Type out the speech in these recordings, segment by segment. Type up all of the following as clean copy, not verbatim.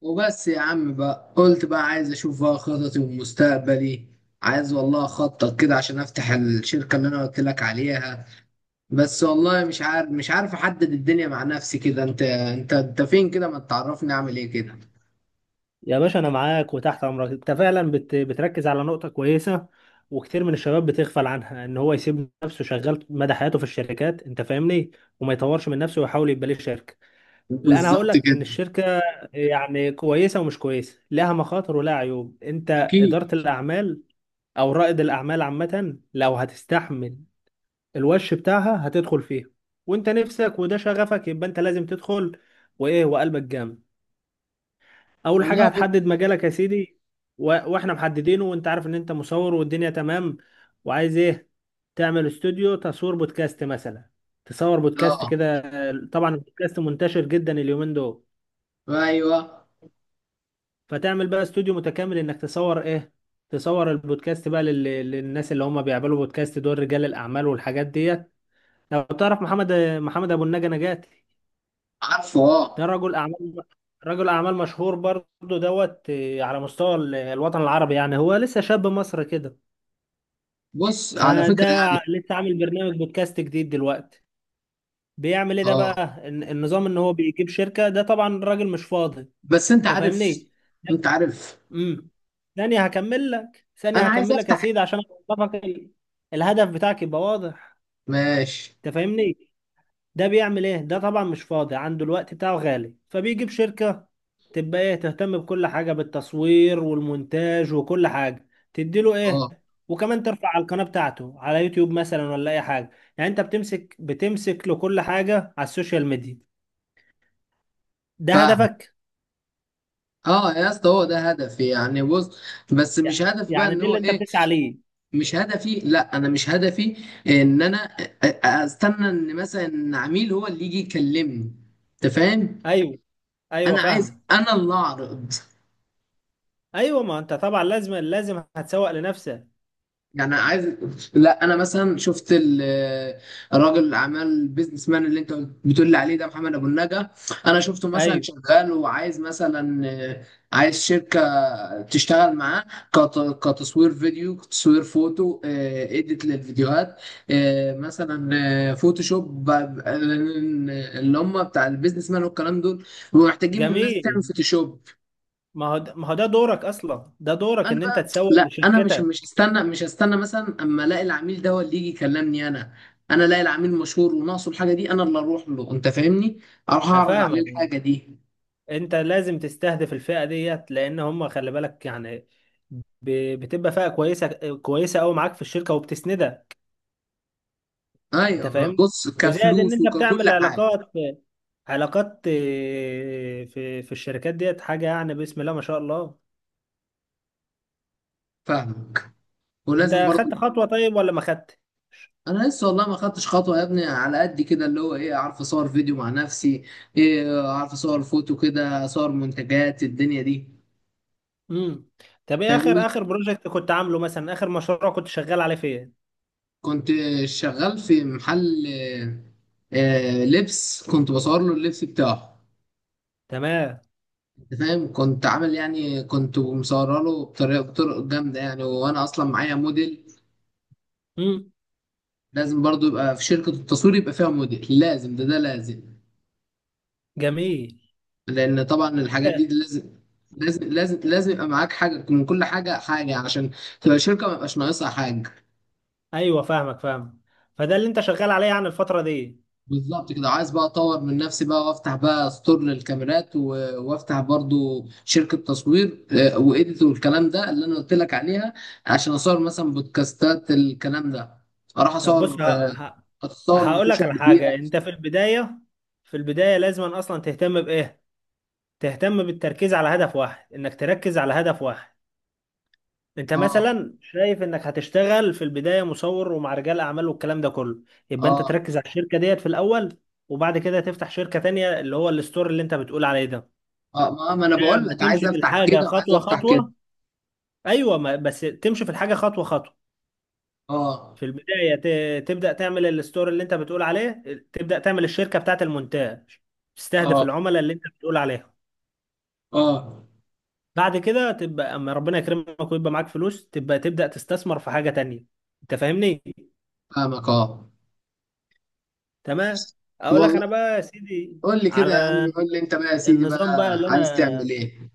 وبس يا عم بقى، قلت بقى عايز اشوف بقى خططي ومستقبلي. عايز والله اخطط كده عشان افتح الشركة اللي انا قلت لك عليها. بس والله مش عارف احدد الدنيا مع نفسي كده. انت فين كده؟ ما تعرفني اعمل ايه كده. يا باشا انا معاك وتحت امرك. انت فعلا بتركز على نقطة كويسة، وكتير من الشباب بتغفل عنها، ان هو يسيب نفسه شغال مدى حياته في الشركات. انت فاهمني؟ وما يطورش من نفسه ويحاول يبقى ليه شركة. لا، انا هقول بالظبط لك كده. ان الشركة يعني كويسة ومش كويسة، لها مخاطر ولها عيوب. انت اكيد. إدارة الاعمال او رائد الاعمال عامة، لو هتستحمل الوش بتاعها هتدخل فيها، وانت نفسك وده شغفك، يبقى انت لازم تدخل وايه وقلبك جامد. اول حاجه والله بص. هتحدد مجالك يا سيدي. واحنا محددينه، وانت عارف ان انت مصور والدنيا تمام. وعايز ايه؟ تعمل استوديو تصوير بودكاست مثلا، تصور بودكاست اه. كده. طبعا البودكاست منتشر جدا اليومين دول، ايوه. فتعمل بقى استوديو متكامل انك تصور ايه. تصور البودكاست بقى للناس اللي هم بيعملوا بودكاست، دول رجال الاعمال والحاجات ديت. لو تعرف محمد، محمد ابو النجا نجاتي، عارفه، ده اه. رجل اعمال، رجل اعمال مشهور برضه دوت آه، على مستوى الوطن العربي، يعني هو لسه شاب مصري كده. بص، على فده فكرة يعني. لسه عامل برنامج بودكاست جديد دلوقتي. بيعمل ايه ده اه. بقى، النظام ان هو بيجيب شركة، ده طبعا الراجل مش فاضي. بس انت انت عارف. فاهمني؟ انت عارف. امم ثانية هكمل لك، ثانية انا عايز هكمل لك يا افتح. سيدي، عشان اوضحك الهدف بتاعك يبقى واضح. ماشي. انت فاهمني؟ ده بيعمل ايه ده؟ طبعا مش فاضي، عنده الوقت بتاعه غالي، فبيجيب شركة تبقى ايه، تهتم بكل حاجة، بالتصوير والمونتاج وكل حاجة، تديله ايه، اه. وكمان ترفع على القناة بتاعته على يوتيوب مثلا ولا اي حاجة. يعني انت بتمسك له كل حاجة على السوشيال ميديا، ده فاهم. هدفك. اه يا اسطى، هو ده هدفي يعني، بص. بس مش هدف بقى يعني ان دي هو اللي انت ايه. بتسعى ليه. مش هدفي، لا انا مش هدفي. ان انا استنى ان مثلا عميل هو اللي يجي يكلمني. انت فاهم؟ ايوه، ايوه انا عايز فاهم. انا اللي اعرض. ايوه، ما انت طبعا لازم، لازم هتسوق لنفسك. يعني عايز. لا، انا مثلا شفت الراجل الاعمال، البيزنس مان اللي انت بتقول لي عليه، ده محمد ابو النجا. انا شفته مثلا ايوه، شغال وعايز مثلا. عايز شركه تشتغل معاه. كتصوير فيديو، تصوير فوتو، اديت للفيديوهات، مثلا. فوتوشوب اللي هم بتاع البيزنس مان والكلام دول، بيبقوا محتاجين الناس جميل. تعمل فوتوشوب. ما هو ده دورك اصلا، ده دورك انا ان انت بقى، تسوق لا انا مش لشركتك. مش هستنى مش هستنى مثلا اما الاقي العميل ده هو اللي يجي يكلمني انا. انا الاقي العميل مشهور وناقصه الحاجه دي، انا اللي اروح له، انت فاهمني؟ اروح انا اعرض عليه فاهمك، الحاجه دي. انت لازم تستهدف الفئه ديت، لان هم خلي بالك يعني بتبقى فئه كويسه، كويسه قوي معاك في الشركه وبتسندها. انت ايوه فاهمني؟ بص، وزائد ان كفلوس انت وككل بتعمل حاجه. علاقات، علاقات آه، في الشركات ديت، حاجه يعني بسم الله ما شاء الله. فاهمك. ولازم انت برضو. خدت خطوه طيب ولا ما خدت؟ انا لسه والله ما خدتش خطوه يا ابني، على قد كده اللي هو ايه، اعرف اصور فيديو مع نفسي، ايه اعرف اصور فوتو كده، اصور منتجات الدنيا دي. امم طب ايه فاهمني؟ اخر، اخر بروجكت كنت عامله مثلا؟ اخر مشروع كنت شغال عليه فين؟ كنت شغال في محل لبس، كنت بصور له اللبس بتاعه. تمام. انت فاهم، كنت عامل يعني، كنت مصوره له بطرق جامده يعني، وانا اصلا معايا موديل. امم لازم برضو يبقى في شركه التصوير يبقى فيها موديل، لازم ده لازم. جميل. لان طبعا الحاجات دي لازم، لازم، لازم، لازم يبقى معاك حاجه من كل حاجه، حاجه عشان تبقى شركه ما يبقاش ناقصها حاجه. ايوه فاهمك، فاهم. فده اللي انت شغال عليه يعني الفتره دي. بالظبط كده، عايز بقى اطور من نفسي بقى، وافتح بقى ستور للكاميرات وافتح برضو شركة تصوير، وإيديت والكلام ده اللي انا قلت لك عليها، عشان اصور مثلا بودكاستات الكلام ده. اروح طب اصور بص، آه، ه... اصور هقول لك مطوشة على كبيرة. حاجه. انت في البدايه، في البدايه لازم اصلا تهتم بايه؟ تهتم بالتركيز على هدف واحد، انك تركز على هدف واحد. انت اه، مثلا شايف انك هتشتغل في البدايه مصور ومع رجال اعمال والكلام ده كله، يبقى انت اه، تركز على الشركه ديت في الاول. وبعد كده تفتح شركه تانية، اللي هو الستور اللي انت بتقول عليه ده. اه. ما انا ده بقول ما لك عايز تمشي في افتح الحاجه كده وعايز خطوه افتح كده. خطوه. ايوه، ما بس تمشي في الحاجه خطوه خطوه. اه، في البداية تبدأ تعمل الستور اللي انت بتقول عليه، تبدأ تعمل الشركة بتاعت المونتاج، تستهدف اه، العملاء اللي انت بتقول عليهم. اه. بعد كده تبقى اما ربنا يكرمك ويبقى معاك فلوس، تبقى تبدأ تستثمر في حاجة تانية. انت فاهمني؟ فاهمك، اه. تمام. اقول لك والله. انا بقى يا سيدي، قول لي كده على يا عم، قول لي انت بقى يا سيدي النظام بقى بقى اللي عايز انا، تعمل ايه.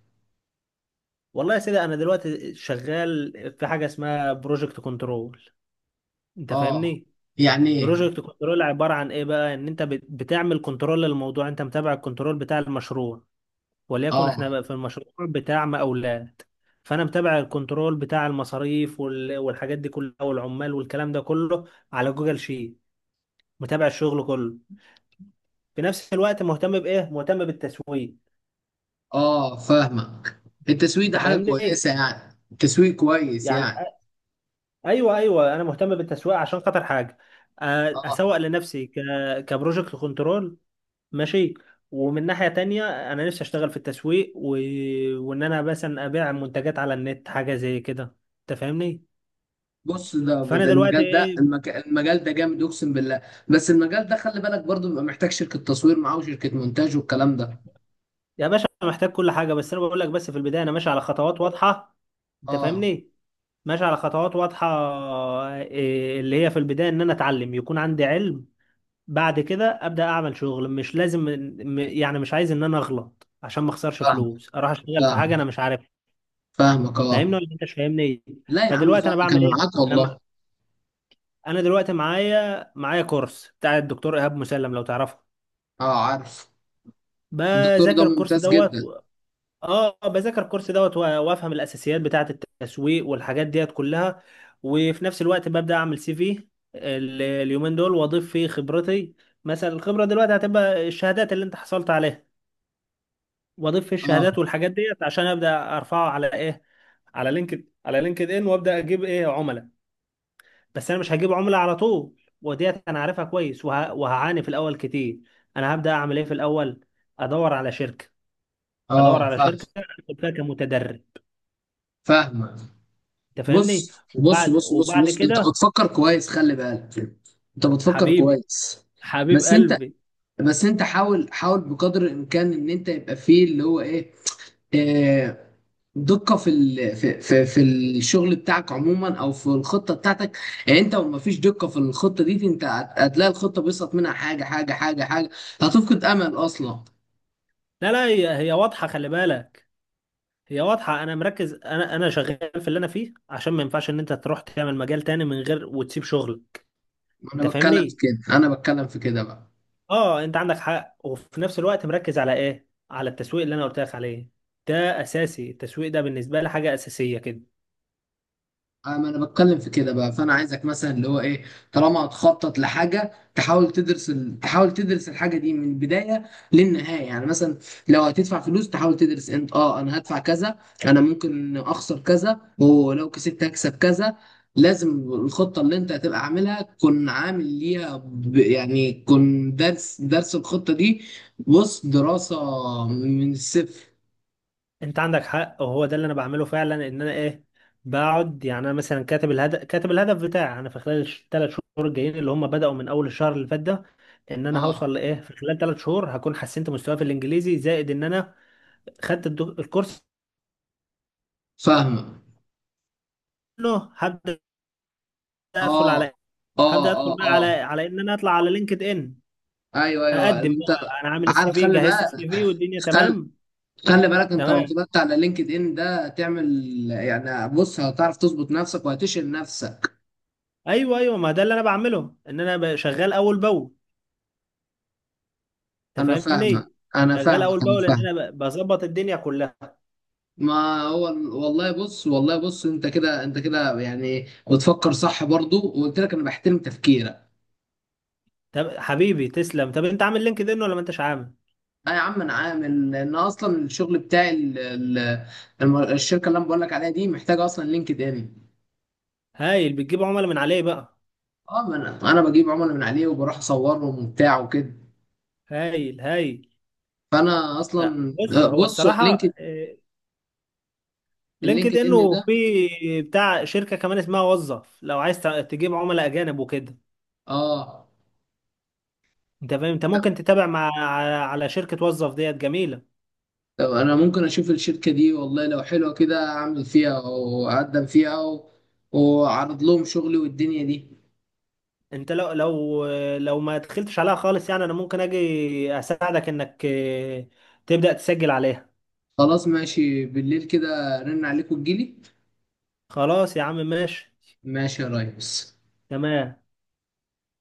والله يا سيدي انا دلوقتي شغال في حاجة اسمها بروجكت كنترول. انت اه. فاهمني؟ يعني ايه؟ بروجكت كنترول عبارة عن ايه بقى، ان انت بتعمل كنترول للموضوع، انت متابع الكنترول بتاع المشروع. وليكن اه، احنا بقى في المشروع بتاع مقاولات، فانا متابع الكنترول بتاع المصاريف والحاجات دي كلها، والعمال والكلام ده كله، على جوجل شيت. متابع الشغل كله. في نفس الوقت مهتم بايه؟ مهتم بالتسويق. اه. فاهمك. التسويق انت ده حاجة فاهمني ايه؟ كويسة يعني، التسويق كويس يعني يعني. ايوه، ايوه انا مهتم بالتسويق عشان خاطر حاجه، أ- اه اسوق لنفسي ك كبروجكت كنترول. ماشي. ومن ناحية تانية أنا نفسي أشتغل في التسويق وإن أنا مثلا أبيع منتجات على النت، حاجة زي كده. أنت فاهمني؟ بص، ده فانا ده دلوقتي المجال ده، ايه. المجال ده جامد اقسم بالله. بس المجال ده خلي بالك برضو، بيبقى محتاج شركة تصوير معاه وشركة مونتاج والكلام ده. يا باشا محتاج كل حاجه، بس انا بقول لك، بس في البدايه انا ماشي على خطوات واضحه. انت اه، فاهمني؟ ماشي على خطوات واضحه، إيه اللي هي في البدايه ان انا اتعلم، يكون عندي علم. بعد كده ابدا اعمل شغل. مش لازم يعني، مش عايز ان انا اغلط عشان ما اخسرش فاهم، فلوس، اروح اشتغل في فاهم، حاجه انا مش عارفها. فاهمك، فاهمني اه. ولا انت مش فاهمني؟ لا يا عم فدلوقتي انا فاهمك، بعمل انا ايه؟ معاك انا م- والله. انا دلوقتي معايا كورس بتاع الدكتور ايهاب مسلم، لو تعرفه. اه، عارف. الدكتور ده بذاكر الكورس ممتاز دوت. جدا. اه، بذاكر الكورس دوت وافهم الاساسيات بتاعه التسويق والحاجات ديت كلها. وفي نفس الوقت ببدا اعمل سي في اليومين دول، واضيف فيه خبرتي، مثلا الخبره دلوقتي هتبقى الشهادات اللي انت حصلت عليها. واضيف فيه اه، الشهادات والحاجات ديت، عشان ابدا ارفعه على ايه، على لينكد ان، وابدا اجيب ايه، عملاء. بس انا مش هجيب عملاء على طول، وديت انا عارفها كويس، وهعاني في الاول كتير. انا هبدا اعمل ايه في الاول؟ ادور على شركه، ادور اه، على فاهم، شركه ادخل فيها كمتدرب. فاهمك. انت فاهمني؟ بص، بص، بص، بص، وبعد بص، انت كده، بتفكر كويس، خلي بالك. انت بتفكر حبيبي، كويس. حبيب بس انت، قلبي. بس انت حاول، حاول بقدر الامكان ان انت يبقى فيه اللي هو ايه، آه، دقة في في الشغل بتاعك عموما، او في الخطة بتاعتك. يعني انت لو مفيش دقة في الخطة دي، انت هتلاقي الخطة بيسقط منها حاجة، حاجة، حاجة، حاجة، هتفقد امل اصلا. لا لا، هي، هي واضحه خلي بالك، هي واضحه. انا مركز، انا شغال في اللي انا فيه، عشان ما ينفعش ان انت تروح تعمل مجال تاني من غير وتسيب شغل. انت انا بتكلم في فاهمني؟ كده، انا بتكلم في كده بقى. اه انت عندك حق، وفي نفس الوقت مركز على ايه، على التسويق اللي انا قلت لك عليه. ده اساسي، التسويق ده بالنسبه لي حاجه اساسيه كده. ما انا بتكلم في كده بقى، فانا عايزك مثلا اللي هو ايه، طالما هتخطط لحاجه تحاول تدرس تحاول تدرس الحاجه دي من البدايه للنهايه. يعني مثلا لو هتدفع فلوس تحاول تدرس، انت اه انا هدفع كذا، انا ممكن اخسر كذا ولو كسبت هكسب كذا. لازم الخطه اللي انت هتبقى عاملها تكون عامل ليها يعني تكون درس الخطه دي. بص، دراسه من الصفر. انت عندك حق، وهو ده اللي انا بعمله فعلا. ان انا ايه، بقعد يعني انا مثلا كاتب الهدف، كاتب الهدف بتاعي انا في خلال الثلاث شهور الجايين، اللي هم بدأوا من اول الشهر اللي فات ده، ان انا اه، هوصل لايه في خلال ثلاث شهور. هكون حسنت مستواي في الانجليزي، زائد ان انا خدت الكورس فاهمه. كله. هبدأ ادخل اه، على، اه، هبدأ اه، ادخل بقى على، اه. على ان انا اطلع على لينكد ان، ايوه، ايوه، اقدم انت بقى. انا عامل السي عارف. في، خلي جهزت بقى، السي في والدنيا خلي، تمام. خلي بالك، انت لو تمام. طلعت على لينكد ان ده تعمل، يعني بص هتعرف تظبط نفسك وهتشيل نفسك. ايوه، ايوه ما ده اللي انا بعمله، ان انا شغال اول باول. انت انا فاهمك، فاهمني؟ انا شغال فاهمك، اول انا باول، ان فاهم. انا بظبط الدنيا كلها. ما هو والله بص، والله بص، انت كده، انت كده يعني بتفكر صح برضو، وقلت لك انا بحترم تفكيرك. طب حبيبي تسلم. طب انت عامل لينكد ان ولا ما انتش عامل؟ اه يا عم انا عامل، لان اصلا الشغل بتاعي الشركه اللي انا بقول لك عليها دي محتاجه اصلا لينكد ان. هايل، بتجيب عملاء من عليه بقى. اه، ما انا بجيب عملاء من عليه وبروح اصورهم وبتاع وكده. هايل، هايل. فانا لا، اصلا بص آه، هو بص، اللينكد الصراحه آه، لينكد اللينكد ان ان ده. وفي بتاع شركه كمان اسمها وظف، لو عايز تجيب عملاء اجانب وكده. اه، انت فاهم، انت ممكن تتابع مع، على شركه وظف ديت جميله. طب انا ممكن اشوف الشركه دي، والله لو حلوه كده اعمل فيها واقدم فيها واعرض لهم شغلي والدنيا دي. انت لو، لو، لو ما دخلتش عليها خالص يعني، انا ممكن اجي اساعدك انك آه، تبدا تسجل عليها. خلاص ماشي، بالليل كده رن عليكم تجيلي. خلاص يا عم ماشي. ماشي يا ريس. تمام.